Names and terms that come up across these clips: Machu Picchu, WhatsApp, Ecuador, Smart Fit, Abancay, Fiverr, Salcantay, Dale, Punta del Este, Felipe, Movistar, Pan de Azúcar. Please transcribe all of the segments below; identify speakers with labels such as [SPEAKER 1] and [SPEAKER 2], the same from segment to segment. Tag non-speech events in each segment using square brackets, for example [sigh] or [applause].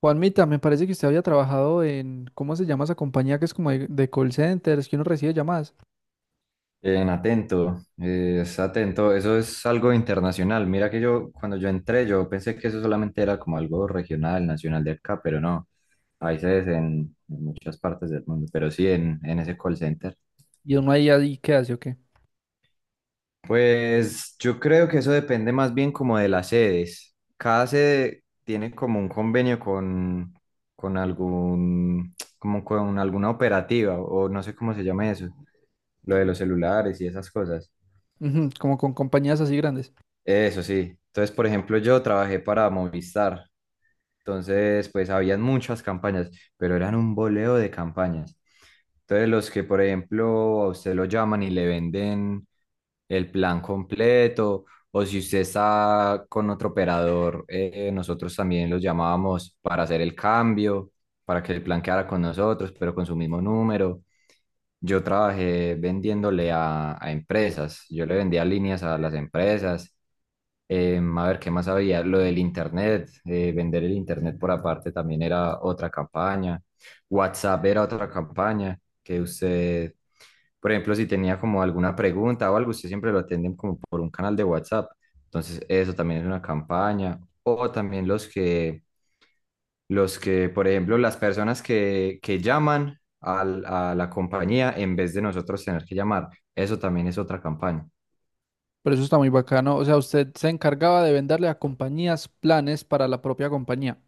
[SPEAKER 1] Juanmita, me parece que usted había trabajado en, ¿cómo se llama esa compañía que es como de call centers, que uno recibe llamadas
[SPEAKER 2] Bien, atento, es atento. Eso es algo internacional. Mira que yo, cuando yo entré, yo pensé que eso solamente era como algo regional, nacional de acá, pero no. Hay sedes en muchas partes del mundo, pero sí en ese call center.
[SPEAKER 1] y uno ahí, ahí ¿qué hace o qué?
[SPEAKER 2] Pues yo creo que eso depende más bien como de las sedes. Cada sede tiene como un convenio con algún, como con alguna operativa, o no sé cómo se llama eso, lo de los celulares y esas cosas.
[SPEAKER 1] Ujú, como con compañías así grandes.
[SPEAKER 2] Eso sí. Entonces, por ejemplo, yo trabajé para Movistar. Entonces, pues habían muchas campañas, pero eran un boleo de campañas. Entonces, los que, por ejemplo, a usted lo llaman y le venden el plan completo, o si usted está con otro operador, nosotros también los llamábamos para hacer el cambio, para que el plan quedara con nosotros, pero con su mismo número. Yo trabajé vendiéndole a empresas, yo le vendía líneas a las empresas. A ver, ¿qué más había? Lo del internet, vender el internet por aparte también era otra campaña. WhatsApp era otra campaña que usted, por ejemplo, si tenía como alguna pregunta o algo, usted siempre lo atienden como por un canal de WhatsApp. Entonces, eso también es una campaña. O también los que, por ejemplo, las personas que llaman a la compañía en vez de nosotros tener que llamar, eso también es otra campaña.
[SPEAKER 1] Pero eso está muy bacano. O sea, usted se encargaba de venderle a compañías planes para la propia compañía.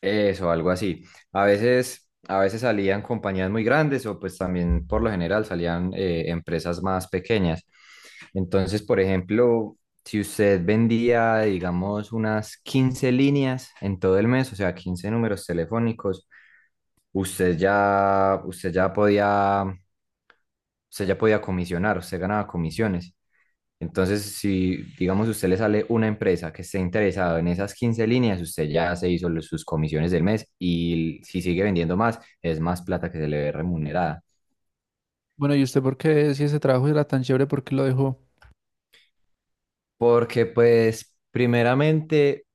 [SPEAKER 2] Eso, algo así. A veces salían compañías muy grandes o pues también por lo general salían empresas más pequeñas. Entonces, por ejemplo, si usted vendía, digamos, unas 15 líneas en todo el mes, o sea, 15 números telefónicos, usted ya, usted ya podía, usted ya podía comisionar, usted ganaba comisiones. Entonces, si digamos si usted le sale una empresa que esté interesado en esas 15 líneas, usted ya se hizo sus comisiones del mes y si sigue vendiendo más, es más plata que se le ve remunerada.
[SPEAKER 1] Bueno, ¿y usted por qué, si ese trabajo era tan chévere, por qué lo dejó?
[SPEAKER 2] Porque pues primeramente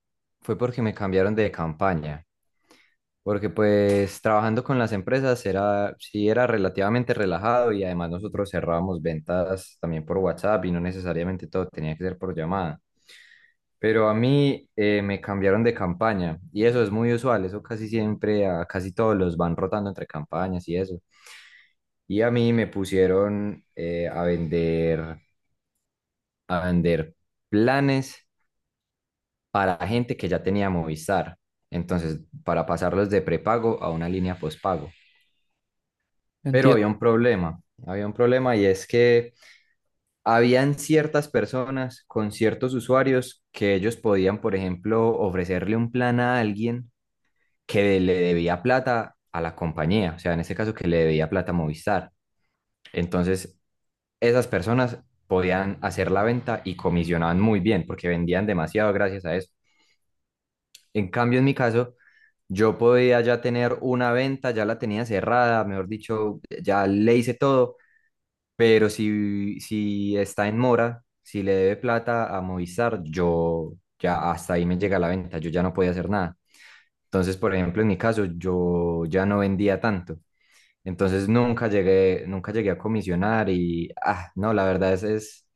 [SPEAKER 2] fue porque me cambiaron de campaña, porque pues trabajando con las empresas era, sí era relativamente relajado y además nosotros cerrábamos ventas también por WhatsApp y no necesariamente todo tenía que ser por llamada. Pero a mí me cambiaron de campaña y eso es muy usual, eso casi siempre, a casi todos los van rotando entre campañas y eso. Y a mí me pusieron a vender planes para gente que ya tenía Movistar. Entonces, para pasarlos de prepago a una línea postpago. Pero
[SPEAKER 1] Entiendo.
[SPEAKER 2] había un problema y es que habían ciertas personas con ciertos usuarios que ellos podían, por ejemplo, ofrecerle un plan a alguien que le debía plata a la compañía, o sea, en este caso que le debía plata a Movistar. Entonces, esas personas podían hacer la venta y comisionaban muy bien porque vendían demasiado gracias a eso. En cambio, en mi caso, yo podía ya tener una venta, ya la tenía cerrada, mejor dicho, ya le hice todo, pero si está en mora, si le debe plata a Movistar, yo ya hasta ahí me llega la venta, yo ya no podía hacer nada. Entonces, por ejemplo, en mi caso, yo ya no vendía tanto. Entonces nunca llegué a comisionar y, ah, no, la verdad es, es,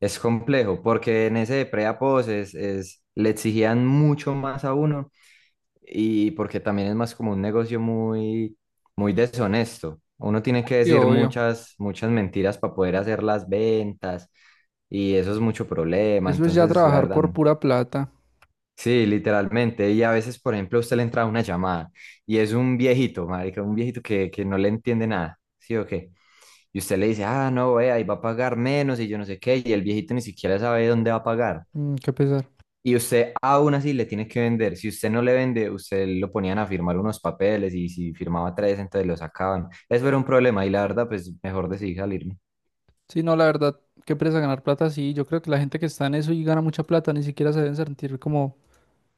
[SPEAKER 2] es complejo, porque en ese de pre-apos le exigían mucho más a uno y porque también es más como un negocio muy, muy deshonesto. Uno tiene que
[SPEAKER 1] Y
[SPEAKER 2] decir
[SPEAKER 1] obvio.
[SPEAKER 2] muchas, muchas mentiras para poder hacer las ventas y eso es mucho problema.
[SPEAKER 1] Eso es ya
[SPEAKER 2] Entonces, la
[SPEAKER 1] trabajar
[SPEAKER 2] verdad,
[SPEAKER 1] por
[SPEAKER 2] no.
[SPEAKER 1] pura plata.
[SPEAKER 2] Sí, literalmente. Y a veces, por ejemplo, a usted le entra una llamada y es un viejito, marica, un viejito que no le entiende nada, ¿sí o qué? Y usted le dice, ah, no, vea, y va a pagar menos y yo no sé qué, y el viejito ni siquiera sabe dónde va a pagar.
[SPEAKER 1] Mm, qué pesar.
[SPEAKER 2] Y usted aún así le tiene que vender. Si usted no le vende, usted lo ponían a firmar unos papeles y si firmaba tres, entonces lo sacaban. Eso era un problema y la verdad, pues mejor decidí salir.
[SPEAKER 1] Sí, no, la verdad, qué presa ganar plata, sí. Yo creo que la gente que está en eso y gana mucha plata ni siquiera se deben sentir como,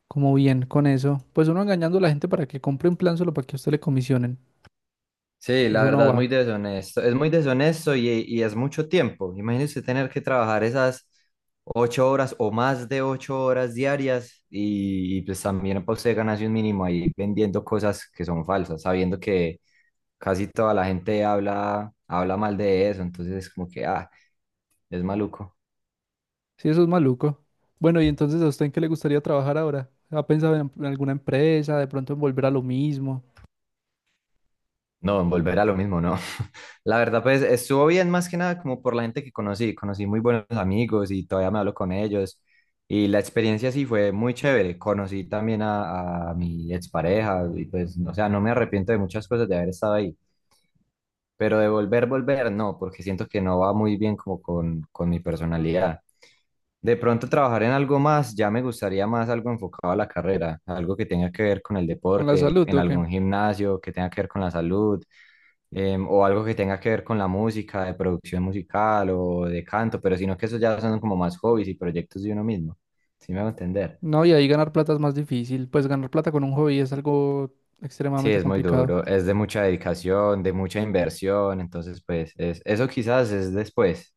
[SPEAKER 1] como bien con eso, pues uno engañando a la gente para que compre un plan solo para que a usted le comisionen.
[SPEAKER 2] Sí, la
[SPEAKER 1] Eso no
[SPEAKER 2] verdad es muy
[SPEAKER 1] va.
[SPEAKER 2] deshonesto. Es muy deshonesto y es mucho tiempo. Imagínese tener que trabajar esas 8 horas o más de 8 horas diarias y, pues también para usted ganarse un mínimo ahí vendiendo cosas que son falsas, sabiendo que casi toda la gente habla mal de eso. Entonces es como que, ah, es maluco.
[SPEAKER 1] Sí, eso es maluco. Bueno, ¿y entonces a usted en qué le gustaría trabajar ahora? ¿Ha pensado en alguna empresa, de pronto en volver a lo mismo?
[SPEAKER 2] No, volver a lo mismo, no. [laughs] La verdad, pues estuvo bien más que nada como por la gente que conocí. Conocí muy buenos amigos y todavía me hablo con ellos. Y la experiencia sí fue muy chévere. Conocí también a mi expareja y pues, o sea, no me arrepiento de muchas cosas de haber estado ahí. Pero de volver, volver, no, porque siento que no va muy bien como con mi personalidad. De pronto trabajar en algo más, ya me gustaría más algo enfocado a la carrera, algo que tenga que ver con el
[SPEAKER 1] ¿Con la
[SPEAKER 2] deporte,
[SPEAKER 1] salud
[SPEAKER 2] en
[SPEAKER 1] o qué?
[SPEAKER 2] algún gimnasio, que tenga que ver con la salud, o algo que tenga que ver con la música, de producción musical o de canto, pero sino que eso ya son como más hobbies y proyectos de uno mismo. ¿Sí me va a entender?
[SPEAKER 1] No, y ahí ganar plata es más difícil. Pues ganar plata con un hobby es algo
[SPEAKER 2] Sí,
[SPEAKER 1] extremadamente
[SPEAKER 2] es muy
[SPEAKER 1] complicado.
[SPEAKER 2] duro, es de mucha dedicación, de mucha inversión, entonces pues eso quizás es después,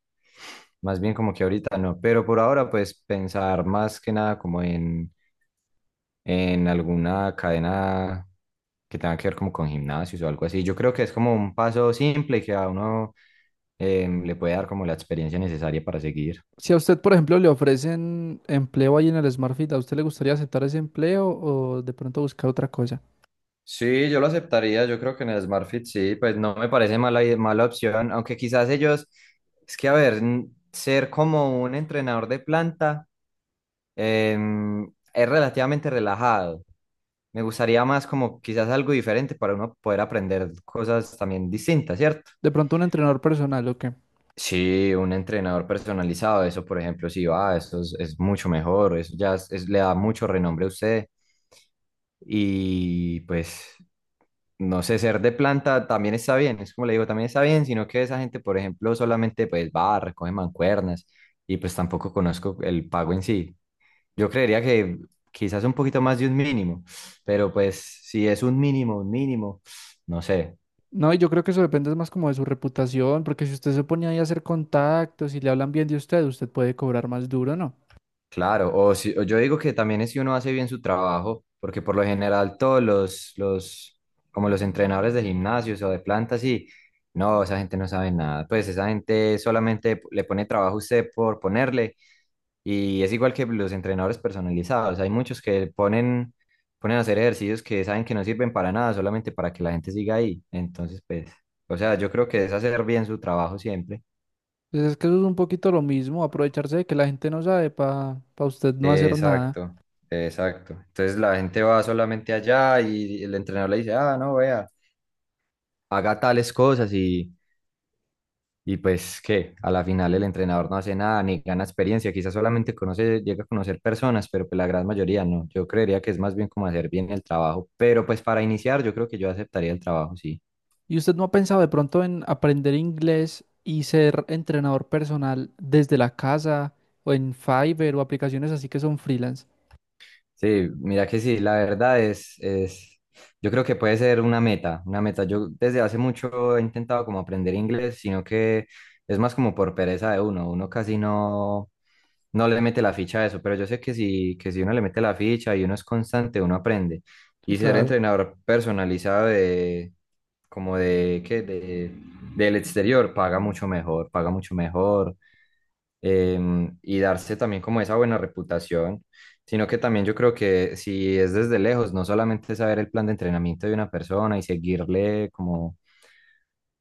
[SPEAKER 2] más bien como que ahorita no, pero por ahora pues pensar más que nada como en alguna cadena que tenga que ver como con gimnasios o algo así. Yo creo que es como un paso simple y que a uno le puede dar como la experiencia necesaria para seguir.
[SPEAKER 1] Si a usted, por ejemplo, le ofrecen empleo ahí en el Smart Fit, ¿a usted le gustaría aceptar ese empleo o de pronto buscar otra cosa?
[SPEAKER 2] Sí, yo lo aceptaría, yo creo que en el Smart Fit sí, pues no me parece mala, mala opción, aunque quizás ellos, es que a ver, ser como un entrenador de planta em, es relativamente relajado. Me gustaría más como quizás algo diferente para uno poder aprender cosas también distintas, ¿cierto?
[SPEAKER 1] ¿De pronto un entrenador personal o qué?
[SPEAKER 2] Sí, un entrenador personalizado, eso por ejemplo, sí va, eso es mucho mejor, eso ya le da mucho renombre a usted y pues no sé, ser de planta también está bien, es como le digo, también está bien, sino que esa gente, por ejemplo, solamente pues va, recoge mancuernas y pues tampoco conozco el pago en sí. Yo creería que quizás un poquito más de un mínimo, pero pues si es un mínimo, no sé.
[SPEAKER 1] No, y yo creo que eso depende más como de su reputación, porque si usted se pone ahí a hacer contactos y le hablan bien de usted, usted puede cobrar más duro, ¿no?
[SPEAKER 2] Claro, o, si, o yo digo que también es si uno hace bien su trabajo, porque por lo general todos como los entrenadores de gimnasios o de plantas, sí, no, esa gente no sabe nada, pues esa gente solamente le pone trabajo a usted por ponerle, y es igual que los entrenadores personalizados, hay muchos que ponen, a hacer ejercicios que saben que no sirven para nada, solamente para que la gente siga ahí, entonces pues, o sea, yo creo que es hacer bien su trabajo siempre.
[SPEAKER 1] Entonces es que eso es un poquito lo mismo, aprovecharse de que la gente no sabe para usted no hacer nada.
[SPEAKER 2] Exacto, exacto. Entonces la gente va solamente allá y el entrenador le dice, ah, no, vea, haga tales cosas y pues que a la final el entrenador no hace nada ni gana experiencia, quizás solamente conoce, llega a conocer personas, pero pues la gran mayoría no. Yo creería que es más bien como hacer bien el trabajo, pero pues para iniciar yo creo que yo aceptaría el trabajo, sí.
[SPEAKER 1] ¿Y usted no ha pensado de pronto en aprender inglés y ser entrenador personal desde la casa o en Fiverr o aplicaciones así que son freelance?
[SPEAKER 2] Sí, mira que sí, la verdad yo creo que puede ser una meta, una meta. Yo desde hace mucho he intentado como aprender inglés, sino que es más como por pereza de uno, uno casi no le mete la ficha a eso, pero yo sé que si, uno le mete la ficha y uno es constante, uno aprende.
[SPEAKER 1] Sí,
[SPEAKER 2] Y ser
[SPEAKER 1] claro.
[SPEAKER 2] entrenador personalizado ¿qué? Del exterior, paga mucho mejor, eh, y darse también como esa buena reputación, sino que también yo creo que si es desde lejos, no solamente saber el plan de entrenamiento de una persona y seguirle como,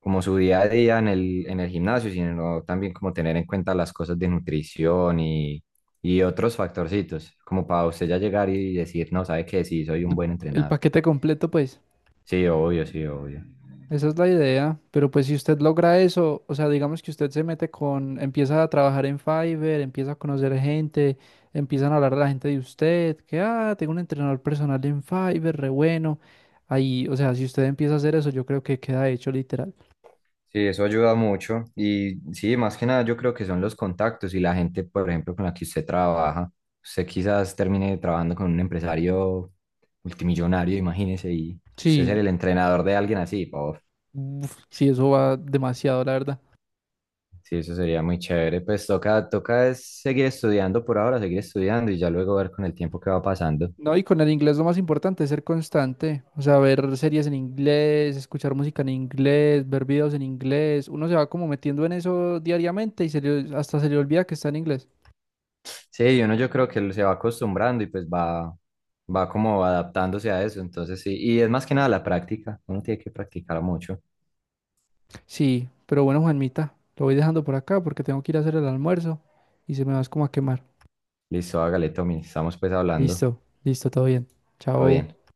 [SPEAKER 2] como su día a día en el gimnasio, sino también como tener en cuenta las cosas de nutrición y otros factorcitos, como para usted ya llegar y decir, no, sabe que sí, soy un
[SPEAKER 1] El,
[SPEAKER 2] buen
[SPEAKER 1] el
[SPEAKER 2] entrenador.
[SPEAKER 1] paquete completo, pues.
[SPEAKER 2] Sí, obvio, sí, obvio.
[SPEAKER 1] Esa es la idea, pero pues si usted logra eso, o sea, digamos que usted se mete con, empieza a trabajar en Fiverr, empieza a conocer gente, empiezan a hablar a la gente de usted, que, ah, tengo un entrenador personal en Fiverr, re bueno. Ahí, o sea, si usted empieza a hacer eso, yo creo que queda hecho literal.
[SPEAKER 2] Sí, eso ayuda mucho. Y sí, más que nada yo creo que son los contactos y la gente, por ejemplo, con la que usted trabaja. Usted quizás termine trabajando con un empresario multimillonario, imagínese, y usted ser
[SPEAKER 1] Sí,
[SPEAKER 2] el entrenador de alguien así. Por
[SPEAKER 1] uf, sí, eso va demasiado, la verdad.
[SPEAKER 2] Sí, eso sería muy chévere. Pues toca es seguir estudiando por ahora, seguir estudiando y ya luego ver con el tiempo qué va pasando.
[SPEAKER 1] No, y con el inglés lo más importante es ser constante, o sea, ver series en inglés, escuchar música en inglés, ver videos en inglés, uno se va como metiendo en eso diariamente y se le- hasta se le olvida que está en inglés.
[SPEAKER 2] Sí, uno yo creo que se va acostumbrando y pues va, como adaptándose a eso. Entonces sí, y es más que nada la práctica. Uno tiene que practicar mucho.
[SPEAKER 1] Sí, pero bueno, Juanmita, lo voy dejando por acá porque tengo que ir a hacer el almuerzo y se me va es como a quemar.
[SPEAKER 2] Listo, hágale, Tommy. Estamos pues hablando.
[SPEAKER 1] Listo, listo, todo bien.
[SPEAKER 2] Todo bien.
[SPEAKER 1] Chao.